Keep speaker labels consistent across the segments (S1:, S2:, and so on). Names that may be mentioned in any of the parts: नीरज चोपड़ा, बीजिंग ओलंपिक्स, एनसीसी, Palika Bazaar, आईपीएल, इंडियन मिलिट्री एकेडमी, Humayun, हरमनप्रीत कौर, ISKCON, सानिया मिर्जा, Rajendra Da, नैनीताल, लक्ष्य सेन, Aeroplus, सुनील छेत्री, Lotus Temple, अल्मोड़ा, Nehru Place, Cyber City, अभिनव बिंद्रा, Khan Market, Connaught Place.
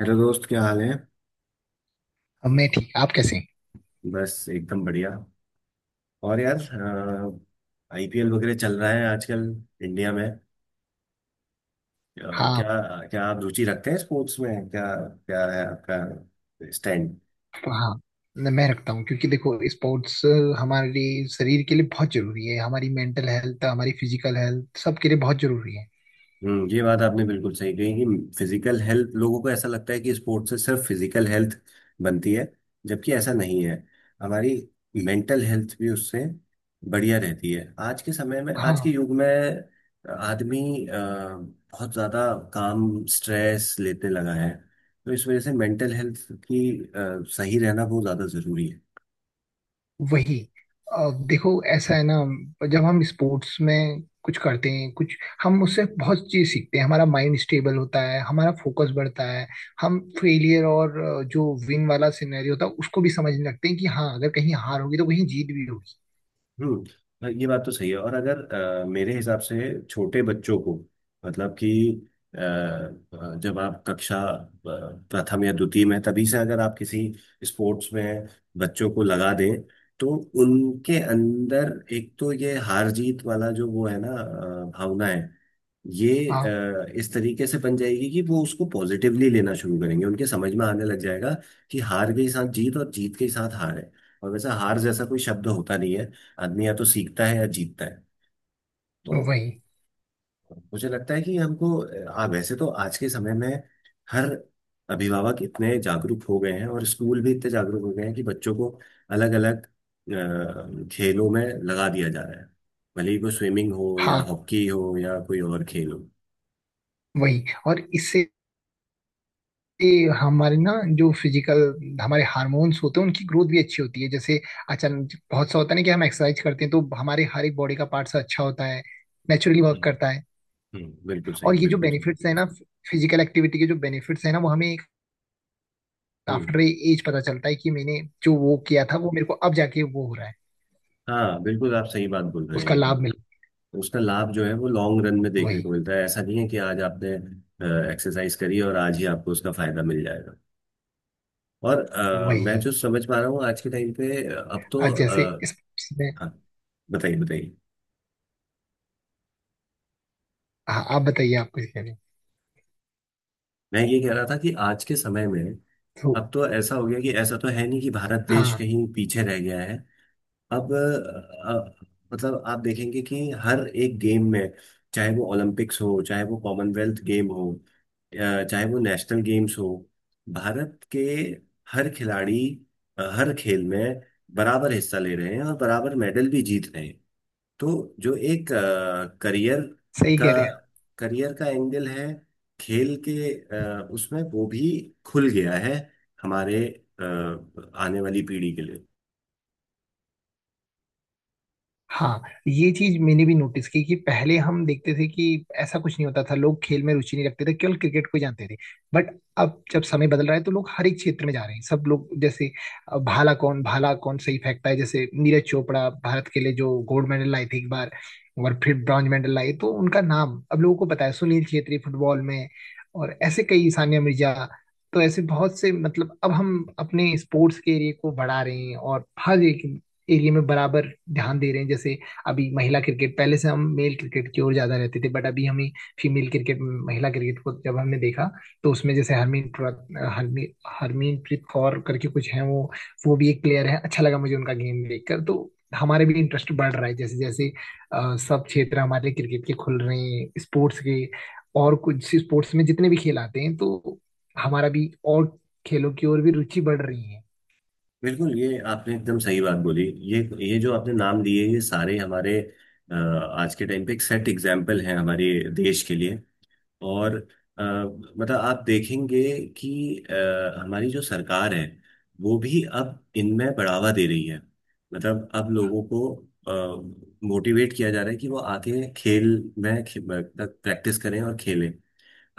S1: Hello दोस्त, क्या हाल है।
S2: अब मैं ठीक। आप कैसे हैं?
S1: बस एकदम बढ़िया। और यार, आईपीएल वगैरह चल रहा है आजकल इंडिया में। क्या,
S2: हाँ।
S1: क्या आप रुचि रखते हैं स्पोर्ट्स में? क्या क्या है आपका स्टैंड?
S2: हाँ। मैं रखता हूँ क्योंकि देखो स्पोर्ट्स हमारे शरीर के लिए बहुत जरूरी है। हमारी मेंटल हेल्थ हमारी फिजिकल हेल्थ सबके लिए बहुत जरूरी है।
S1: हम्म, ये बात आपने बिल्कुल सही कही कि फिजिकल हेल्थ, लोगों को ऐसा लगता है कि स्पोर्ट्स से सिर्फ फिजिकल हेल्थ बनती है, जबकि ऐसा नहीं है। हमारी मेंटल हेल्थ भी उससे बढ़िया रहती है। आज के समय में, आज के
S2: हाँ।
S1: युग में आदमी बहुत ज्यादा काम स्ट्रेस लेने लगा है, तो इस वजह से मेंटल हेल्थ की सही रहना बहुत ज्यादा जरूरी है।
S2: वही। अब देखो, ऐसा है ना। जब हम स्पोर्ट्स में कुछ करते हैं, कुछ हम उससे बहुत चीज सीखते हैं। हमारा माइंड स्टेबल होता है। हमारा फोकस बढ़ता है। हम फेलियर और जो विन वाला सिनेरियो होता है उसको भी समझने लगते हैं कि हाँ, अगर कहीं हार होगी तो कहीं जीत भी होगी।
S1: हम्म। हाँ, ये बात तो सही है। और अगर मेरे हिसाब से छोटे बच्चों को, मतलब कि जब आप कक्षा प्रथम या द्वितीय में तभी से अगर आप किसी स्पोर्ट्स में बच्चों को लगा दें, तो उनके अंदर एक तो ये हार जीत वाला जो वो है ना, भावना है, ये
S2: हाँ।
S1: इस तरीके से बन जाएगी कि वो उसको पॉजिटिवली लेना शुरू करेंगे, उनके समझ में आने लग जाएगा कि हार के साथ जीत और जीत के साथ हार है। और वैसा हार जैसा कोई शब्द होता नहीं है। आदमी या तो सीखता है या जीतता है। तो
S2: वही।
S1: मुझे लगता है कि हमको वैसे तो आज के समय में हर अभिभावक इतने जागरूक हो गए हैं और स्कूल भी इतने जागरूक हो गए हैं कि बच्चों को अलग अलग खेलों में लगा दिया जा रहा है, भले ही वो स्विमिंग हो या
S2: हाँ।
S1: हॉकी हो या कोई और खेल हो।
S2: वही। और इससे हमारे ना, जो फिजिकल हमारे हार्मोन्स होते हैं उनकी ग्रोथ भी अच्छी होती है, जैसे अचानक बहुत सा होता है ना कि हम एक्सरसाइज करते हैं तो हमारे हर एक बॉडी का पार्ट्स अच्छा होता है, नेचुरली वर्क
S1: हम्म।
S2: करता है।
S1: बिल्कुल सही,
S2: और ये जो
S1: बिल्कुल सही।
S2: बेनिफिट्स है ना, फिजिकल एक्टिविटी के जो बेनिफिट्स है ना, वो हमें
S1: हम्म।
S2: आफ्टर एज पता चलता है कि मैंने जो वो किया था वो मेरे को अब जाके वो हो रहा है।
S1: हाँ, बिल्कुल आप सही बात बोल रहे
S2: उसका
S1: हैं।
S2: लाभ मिल।
S1: तो उसका लाभ जो है वो लॉन्ग रन में
S2: वही।
S1: देखने को मिलता है। ऐसा नहीं है कि आज आपने एक्सरसाइज करी और आज ही आपको उसका फायदा मिल जाएगा। और मैं
S2: वही।
S1: जो समझ पा रहा हूँ आज के टाइम पे, अब तो
S2: आज जैसे इस में।
S1: हाँ, बताइए बताइए।
S2: हाँ, आप बताइए, आप कुछ कह रहे हैं?
S1: मैं ये कह रहा था कि आज के समय में
S2: तो
S1: अब तो ऐसा हो गया कि ऐसा तो है नहीं कि भारत देश
S2: हाँ,
S1: कहीं पीछे रह गया है। अब मतलब आप देखेंगे कि हर एक गेम में, चाहे वो ओलंपिक्स हो, चाहे वो कॉमनवेल्थ गेम हो, अ, चाहे वो नेशनल गेम्स हो, भारत के हर खिलाड़ी हर खेल में बराबर हिस्सा ले रहे हैं और बराबर मेडल भी जीत रहे हैं। तो जो एक करियर
S2: सही
S1: का,
S2: कह रहे हैं।
S1: करियर का एंगल है खेल के, उसमें वो भी खुल गया है हमारे अ, आने वाली पीढ़ी के लिए।
S2: हाँ। ये चीज मैंने भी नोटिस की कि पहले हम देखते थे कि ऐसा कुछ नहीं होता था, लोग खेल में रुचि नहीं रखते थे, केवल क्रिकेट को ही जानते थे। बट अब जब समय बदल रहा है तो लोग हर एक क्षेत्र में जा रहे हैं, सब लोग। जैसे भाला कौन सही फेंकता है, जैसे नीरज चोपड़ा भारत के लिए जो गोल्ड मेडल लाए थे एक बार और फिर ब्रॉन्ज मेडल लाए, तो उनका नाम अब लोगों को पता है। सुनील छेत्री फुटबॉल में। और ऐसे कई, सानिया मिर्जा। तो ऐसे बहुत से, मतलब अब हम अपने स्पोर्ट्स के एरिया को बढ़ा रहे हैं और हर एक एरिया में बराबर ध्यान दे रहे हैं। जैसे अभी महिला क्रिकेट, पहले से हम मेल क्रिकेट की ओर ज्यादा रहते थे, बट अभी हमें फीमेल क्रिकेट, महिला क्रिकेट को जब हमने देखा तो उसमें जैसे हरमीन हरमीन हरमीनप्रीत कौर करके कुछ है, वो भी एक प्लेयर है। अच्छा लगा मुझे उनका गेम देखकर। तो हमारे भी इंटरेस्ट बढ़ रहा है, जैसे जैसे सब क्षेत्र हमारे क्रिकेट के खुल रहे हैं, स्पोर्ट्स के। और कुछ स्पोर्ट्स में जितने भी खेल आते हैं, तो हमारा भी और खेलों की ओर भी रुचि बढ़ रही है।
S1: बिल्कुल, ये आपने एकदम सही बात बोली। ये ये जो आपने नाम लिए ये सारे हमारे आज के टाइम पे एक सेट एग्जाम्पल हैं हमारे देश के लिए। और अ, मतलब आप देखेंगे कि हमारी जो सरकार है वो भी अब इनमें बढ़ावा दे रही है। मतलब अब लोगों को मोटिवेट किया जा रहा है कि वो आके खेल में तक प्रैक्टिस करें और खेलें।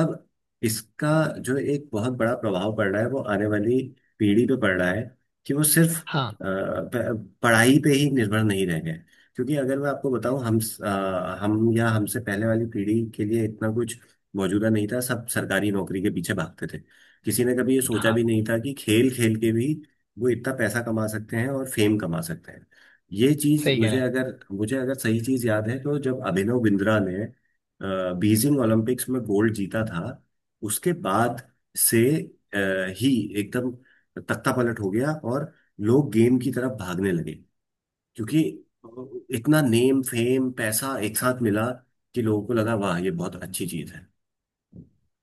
S1: अब इसका जो एक बहुत बड़ा प्रभाव पड़ रहा है वो आने वाली पीढ़ी पे पड़ रहा है कि वो सिर्फ
S2: हाँ।
S1: पढ़ाई पे ही निर्भर नहीं रह गए। क्योंकि अगर मैं आपको बताऊं, हम या हमसे पहले वाली पीढ़ी के लिए इतना कुछ मौजूदा नहीं था। सब सरकारी नौकरी के पीछे भागते थे। किसी ने कभी ये सोचा भी
S2: हाँ,
S1: नहीं था कि खेल खेल के भी वो इतना पैसा कमा सकते हैं और फेम कमा सकते हैं। ये चीज,
S2: सही कह रहे हैं।
S1: मुझे अगर सही चीज याद है, तो जब अभिनव बिंद्रा ने बीजिंग ओलंपिक्स में गोल्ड जीता था, उसके बाद से अ, ही एकदम तख्ता पलट हो गया और लोग गेम की तरफ भागने लगे। क्योंकि इतना नेम फेम पैसा एक साथ मिला कि लोगों को लगा, वाह, ये बहुत अच्छी चीज है।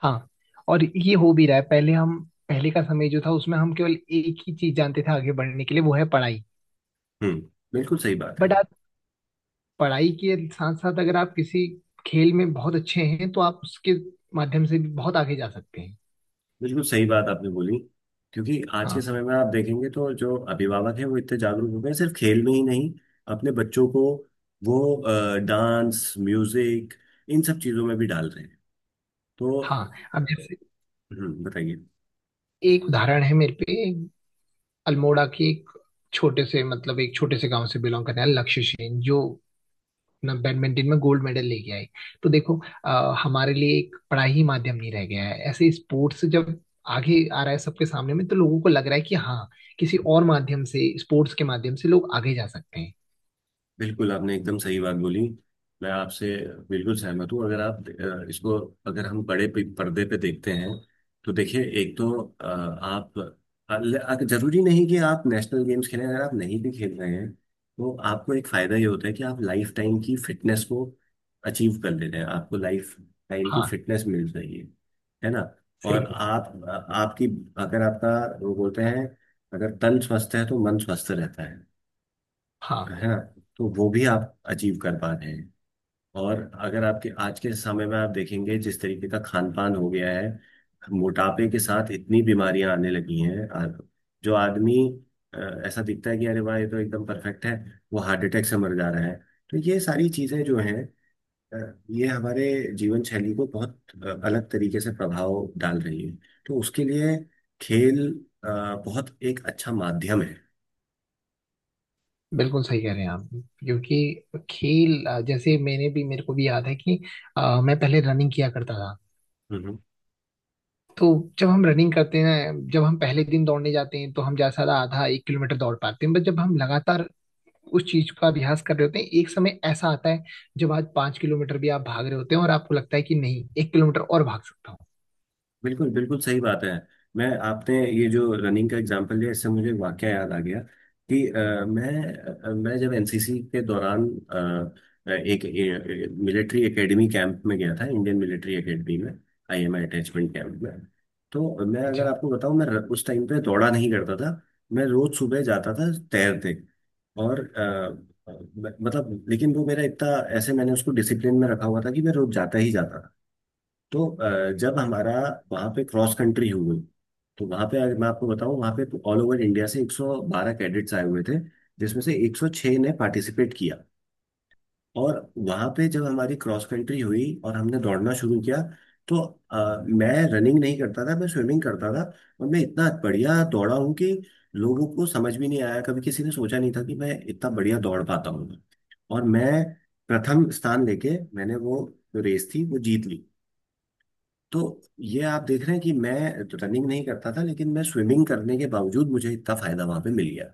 S2: हाँ, और ये हो भी रहा है। पहले का समय जो था, उसमें हम केवल एक ही चीज जानते थे आगे बढ़ने के लिए, वो है पढ़ाई।
S1: हम्म, बिल्कुल सही बात है।
S2: बट आप पढ़ाई के साथ साथ अगर आप किसी खेल में बहुत अच्छे हैं तो आप उसके माध्यम से भी बहुत आगे जा सकते हैं।
S1: बिल्कुल सही बात आपने बोली। क्योंकि आज के
S2: हाँ।
S1: समय में आप देखेंगे तो जो अभिभावक हैं वो इतने जागरूक हो गए हैं, सिर्फ खेल में ही नहीं, अपने बच्चों को वो डांस, म्यूजिक, इन सब चीजों में भी डाल रहे हैं। तो
S2: हाँ, अब जैसे
S1: बताइए।
S2: एक उदाहरण है मेरे पे। अल्मोड़ा की एक छोटे से गांव से बिलोंग करने वाले लक्ष्य सेन, जो अपना बैडमिंटन में गोल्ड मेडल लेके आई। तो देखो, हमारे लिए एक पढ़ाई ही माध्यम नहीं रह गया है। ऐसे स्पोर्ट्स जब आगे आ रहा है सबके सामने में, तो लोगों को लग रहा है कि हाँ, किसी और माध्यम से, स्पोर्ट्स के माध्यम से लोग आगे जा सकते हैं।
S1: बिल्कुल, आपने एकदम सही बात बोली। मैं आपसे बिल्कुल सहमत हूँ। अगर आप इसको, अगर हम पर्दे पे देखते हैं, तो देखिए, एक तो आप जरूरी नहीं कि आप नेशनल गेम्स खेलें, अगर आप नहीं भी खेल रहे हैं तो आपको एक फायदा ये होता है कि आप लाइफ टाइम की फिटनेस को अचीव कर ले रहे हैं। आपको लाइफ टाइम की
S2: हाँ।
S1: फिटनेस मिल रही है ना।
S2: सही
S1: और
S2: है।
S1: आपकी, अगर आपका, वो बोलते हैं, अगर तन स्वस्थ है तो मन स्वस्थ रहता है
S2: हाँ।
S1: है ना। तो वो भी आप अचीव कर पा रहे हैं। और अगर आपके, आज के समय में आप देखेंगे जिस तरीके का खान पान हो गया है, मोटापे के साथ इतनी बीमारियां आने लगी हैं। जो आदमी अ, ऐसा दिखता है कि अरे वाह, ये तो एकदम परफेक्ट है, वो हार्ट अटैक से मर जा रहा है। तो ये सारी चीजें जो हैं अ, ये हमारे जीवन शैली को बहुत अलग तरीके से प्रभाव डाल रही है। तो उसके लिए खेल अ, बहुत एक अच्छा माध्यम
S2: बिल्कुल सही कह रहे हैं आप, क्योंकि खेल, जैसे मैंने भी, मेरे को भी याद है कि मैं पहले रनिंग किया करता था।
S1: है।
S2: तो जब हम रनिंग करते हैं ना, जब हम पहले दिन दौड़ने जाते हैं तो हम ज्यादा आधा 1 किलोमीटर दौड़ पाते हैं, बट जब हम लगातार उस चीज का अभ्यास कर रहे होते हैं, एक समय ऐसा आता है जब आज 5 किलोमीटर भी आप भाग रहे होते हैं और आपको लगता है कि नहीं, 1 किलोमीटर और भाग सकता हूँ।
S1: बिल्कुल, बिल्कुल सही बात है। मैं, आपने ये जो रनिंग का एग्जांपल दिया, इससे मुझे वाकया याद आ गया कि मैं जब एनसीसी के दौरान एक मिलिट्री एकेडमी कैंप में गया था, इंडियन मिलिट्री एकेडमी में, आईएमए अटैचमेंट कैंप में। तो मैं अगर
S2: अच्छा।
S1: आपको बताऊं, मैं उस टाइम पे दौड़ा नहीं करता था। मैं रोज सुबह जाता था तैरते। और अ, मतलब, लेकिन वो मेरा इतना, ऐसे मैंने उसको डिसिप्लिन में रखा हुआ था कि मैं रोज जाता ही जाता था। तो जब हमारा वहाँ पे क्रॉस कंट्री हुई, तो वहाँ पे अगर मैं आपको बताऊँ, वहाँ पे ऑल ओवर इंडिया से 112 कैडेट्स आए हुए थे, जिसमें से 106 ने पार्टिसिपेट किया। और वहाँ पे जब हमारी क्रॉस कंट्री हुई और हमने दौड़ना शुरू किया, तो मैं रनिंग नहीं करता था, मैं स्विमिंग करता था। और मैं इतना बढ़िया दौड़ा हूँ कि लोगों को समझ भी नहीं आया। कभी किसी ने सोचा नहीं था कि मैं इतना बढ़िया दौड़ पाता हूँ। और मैं प्रथम स्थान लेके मैंने वो जो रेस थी वो जीत ली। तो ये आप देख रहे हैं कि मैं तो रनिंग नहीं करता था, लेकिन मैं स्विमिंग करने के बावजूद मुझे इतना फायदा वहां पे मिल गया।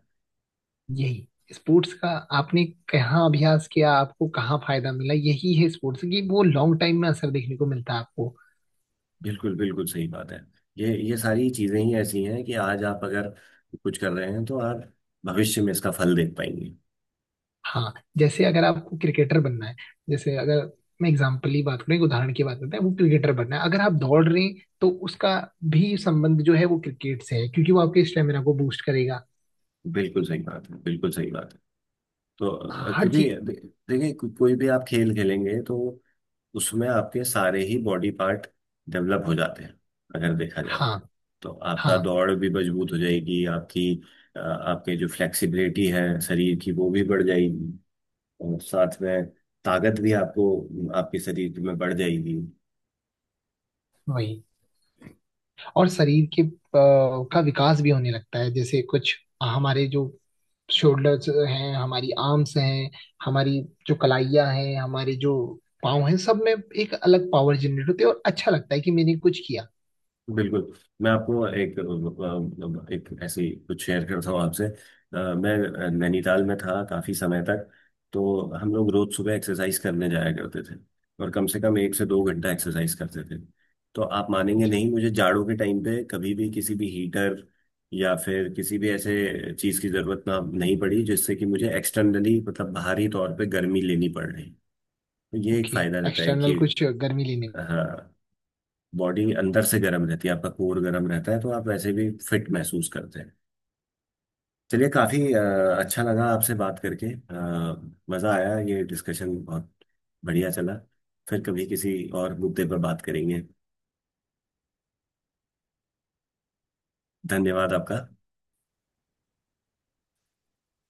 S2: यही स्पोर्ट्स का। आपने कहाँ अभ्यास किया, आपको कहाँ फायदा मिला, यही है स्पोर्ट्स की, वो लॉन्ग टाइम में असर देखने को मिलता है आपको।
S1: बिल्कुल, बिल्कुल सही बात है। ये सारी चीजें ही ऐसी हैं कि आज आप अगर कुछ कर रहे हैं तो आप भविष्य में इसका फल देख पाएंगे।
S2: हाँ, जैसे अगर आपको क्रिकेटर बनना है, जैसे अगर मैं एग्जाम्पल ही बात करूँ, एक उदाहरण की बात करते हैं, वो क्रिकेटर बनना है, अगर आप दौड़ रहे हैं तो उसका भी संबंध जो है वो क्रिकेट से है, क्योंकि वो आपके स्टेमिना को बूस्ट करेगा।
S1: बिल्कुल सही बात है, बिल्कुल सही बात है। तो
S2: हाँ, हर
S1: क्योंकि
S2: चीज।
S1: देखिए, कोई भी आप खेल खेलेंगे तो उसमें आपके सारे ही बॉडी पार्ट डेवलप हो जाते हैं, अगर देखा जाए।
S2: हाँ।
S1: तो
S2: हाँ।
S1: आपका दौड़ भी मजबूत हो जाएगी, आपकी आपके जो फ्लेक्सिबिलिटी है शरीर की वो भी बढ़ जाएगी। और साथ में ताकत भी आपको, आपके शरीर में बढ़ जाएगी।
S2: वही, और शरीर के का विकास भी होने लगता है। जैसे कुछ हमारे जो शोल्डर्स हैं, हमारी आर्म्स हैं, हमारी जो कलाइयाँ हैं, हमारी जो पाँव हैं, सब में एक अलग पावर जनरेट होती है और अच्छा लगता है कि मैंने कुछ किया।
S1: बिल्कुल। मैं आपको एक एक ऐसी कुछ शेयर करता हूँ आपसे। मैं नैनीताल में था काफी समय तक। तो हम लोग रोज सुबह एक्सरसाइज करने जाया करते थे और कम से कम एक से दो घंटा एक्सरसाइज करते थे। तो आप मानेंगे नहीं, मुझे जाड़ों के टाइम पे कभी भी किसी भी हीटर या फिर किसी भी ऐसे चीज की जरूरत नहीं पड़ी, जिससे कि मुझे एक्सटर्नली, मतलब बाहरी तौर पे गर्मी लेनी पड़ रही। तो ये एक
S2: ओके।
S1: फायदा रहता है
S2: एक्सटर्नल
S1: कि
S2: कुछ गर्मी लेने।
S1: हाँ, बॉडी अंदर से गर्म रहती है, आपका कोर गर्म रहता है, तो आप वैसे भी फिट महसूस करते हैं। चलिए, काफी अच्छा लगा आपसे बात करके, मजा आया, ये डिस्कशन बहुत बढ़िया चला। फिर कभी किसी और मुद्दे पर बात करेंगे। धन्यवाद आपका।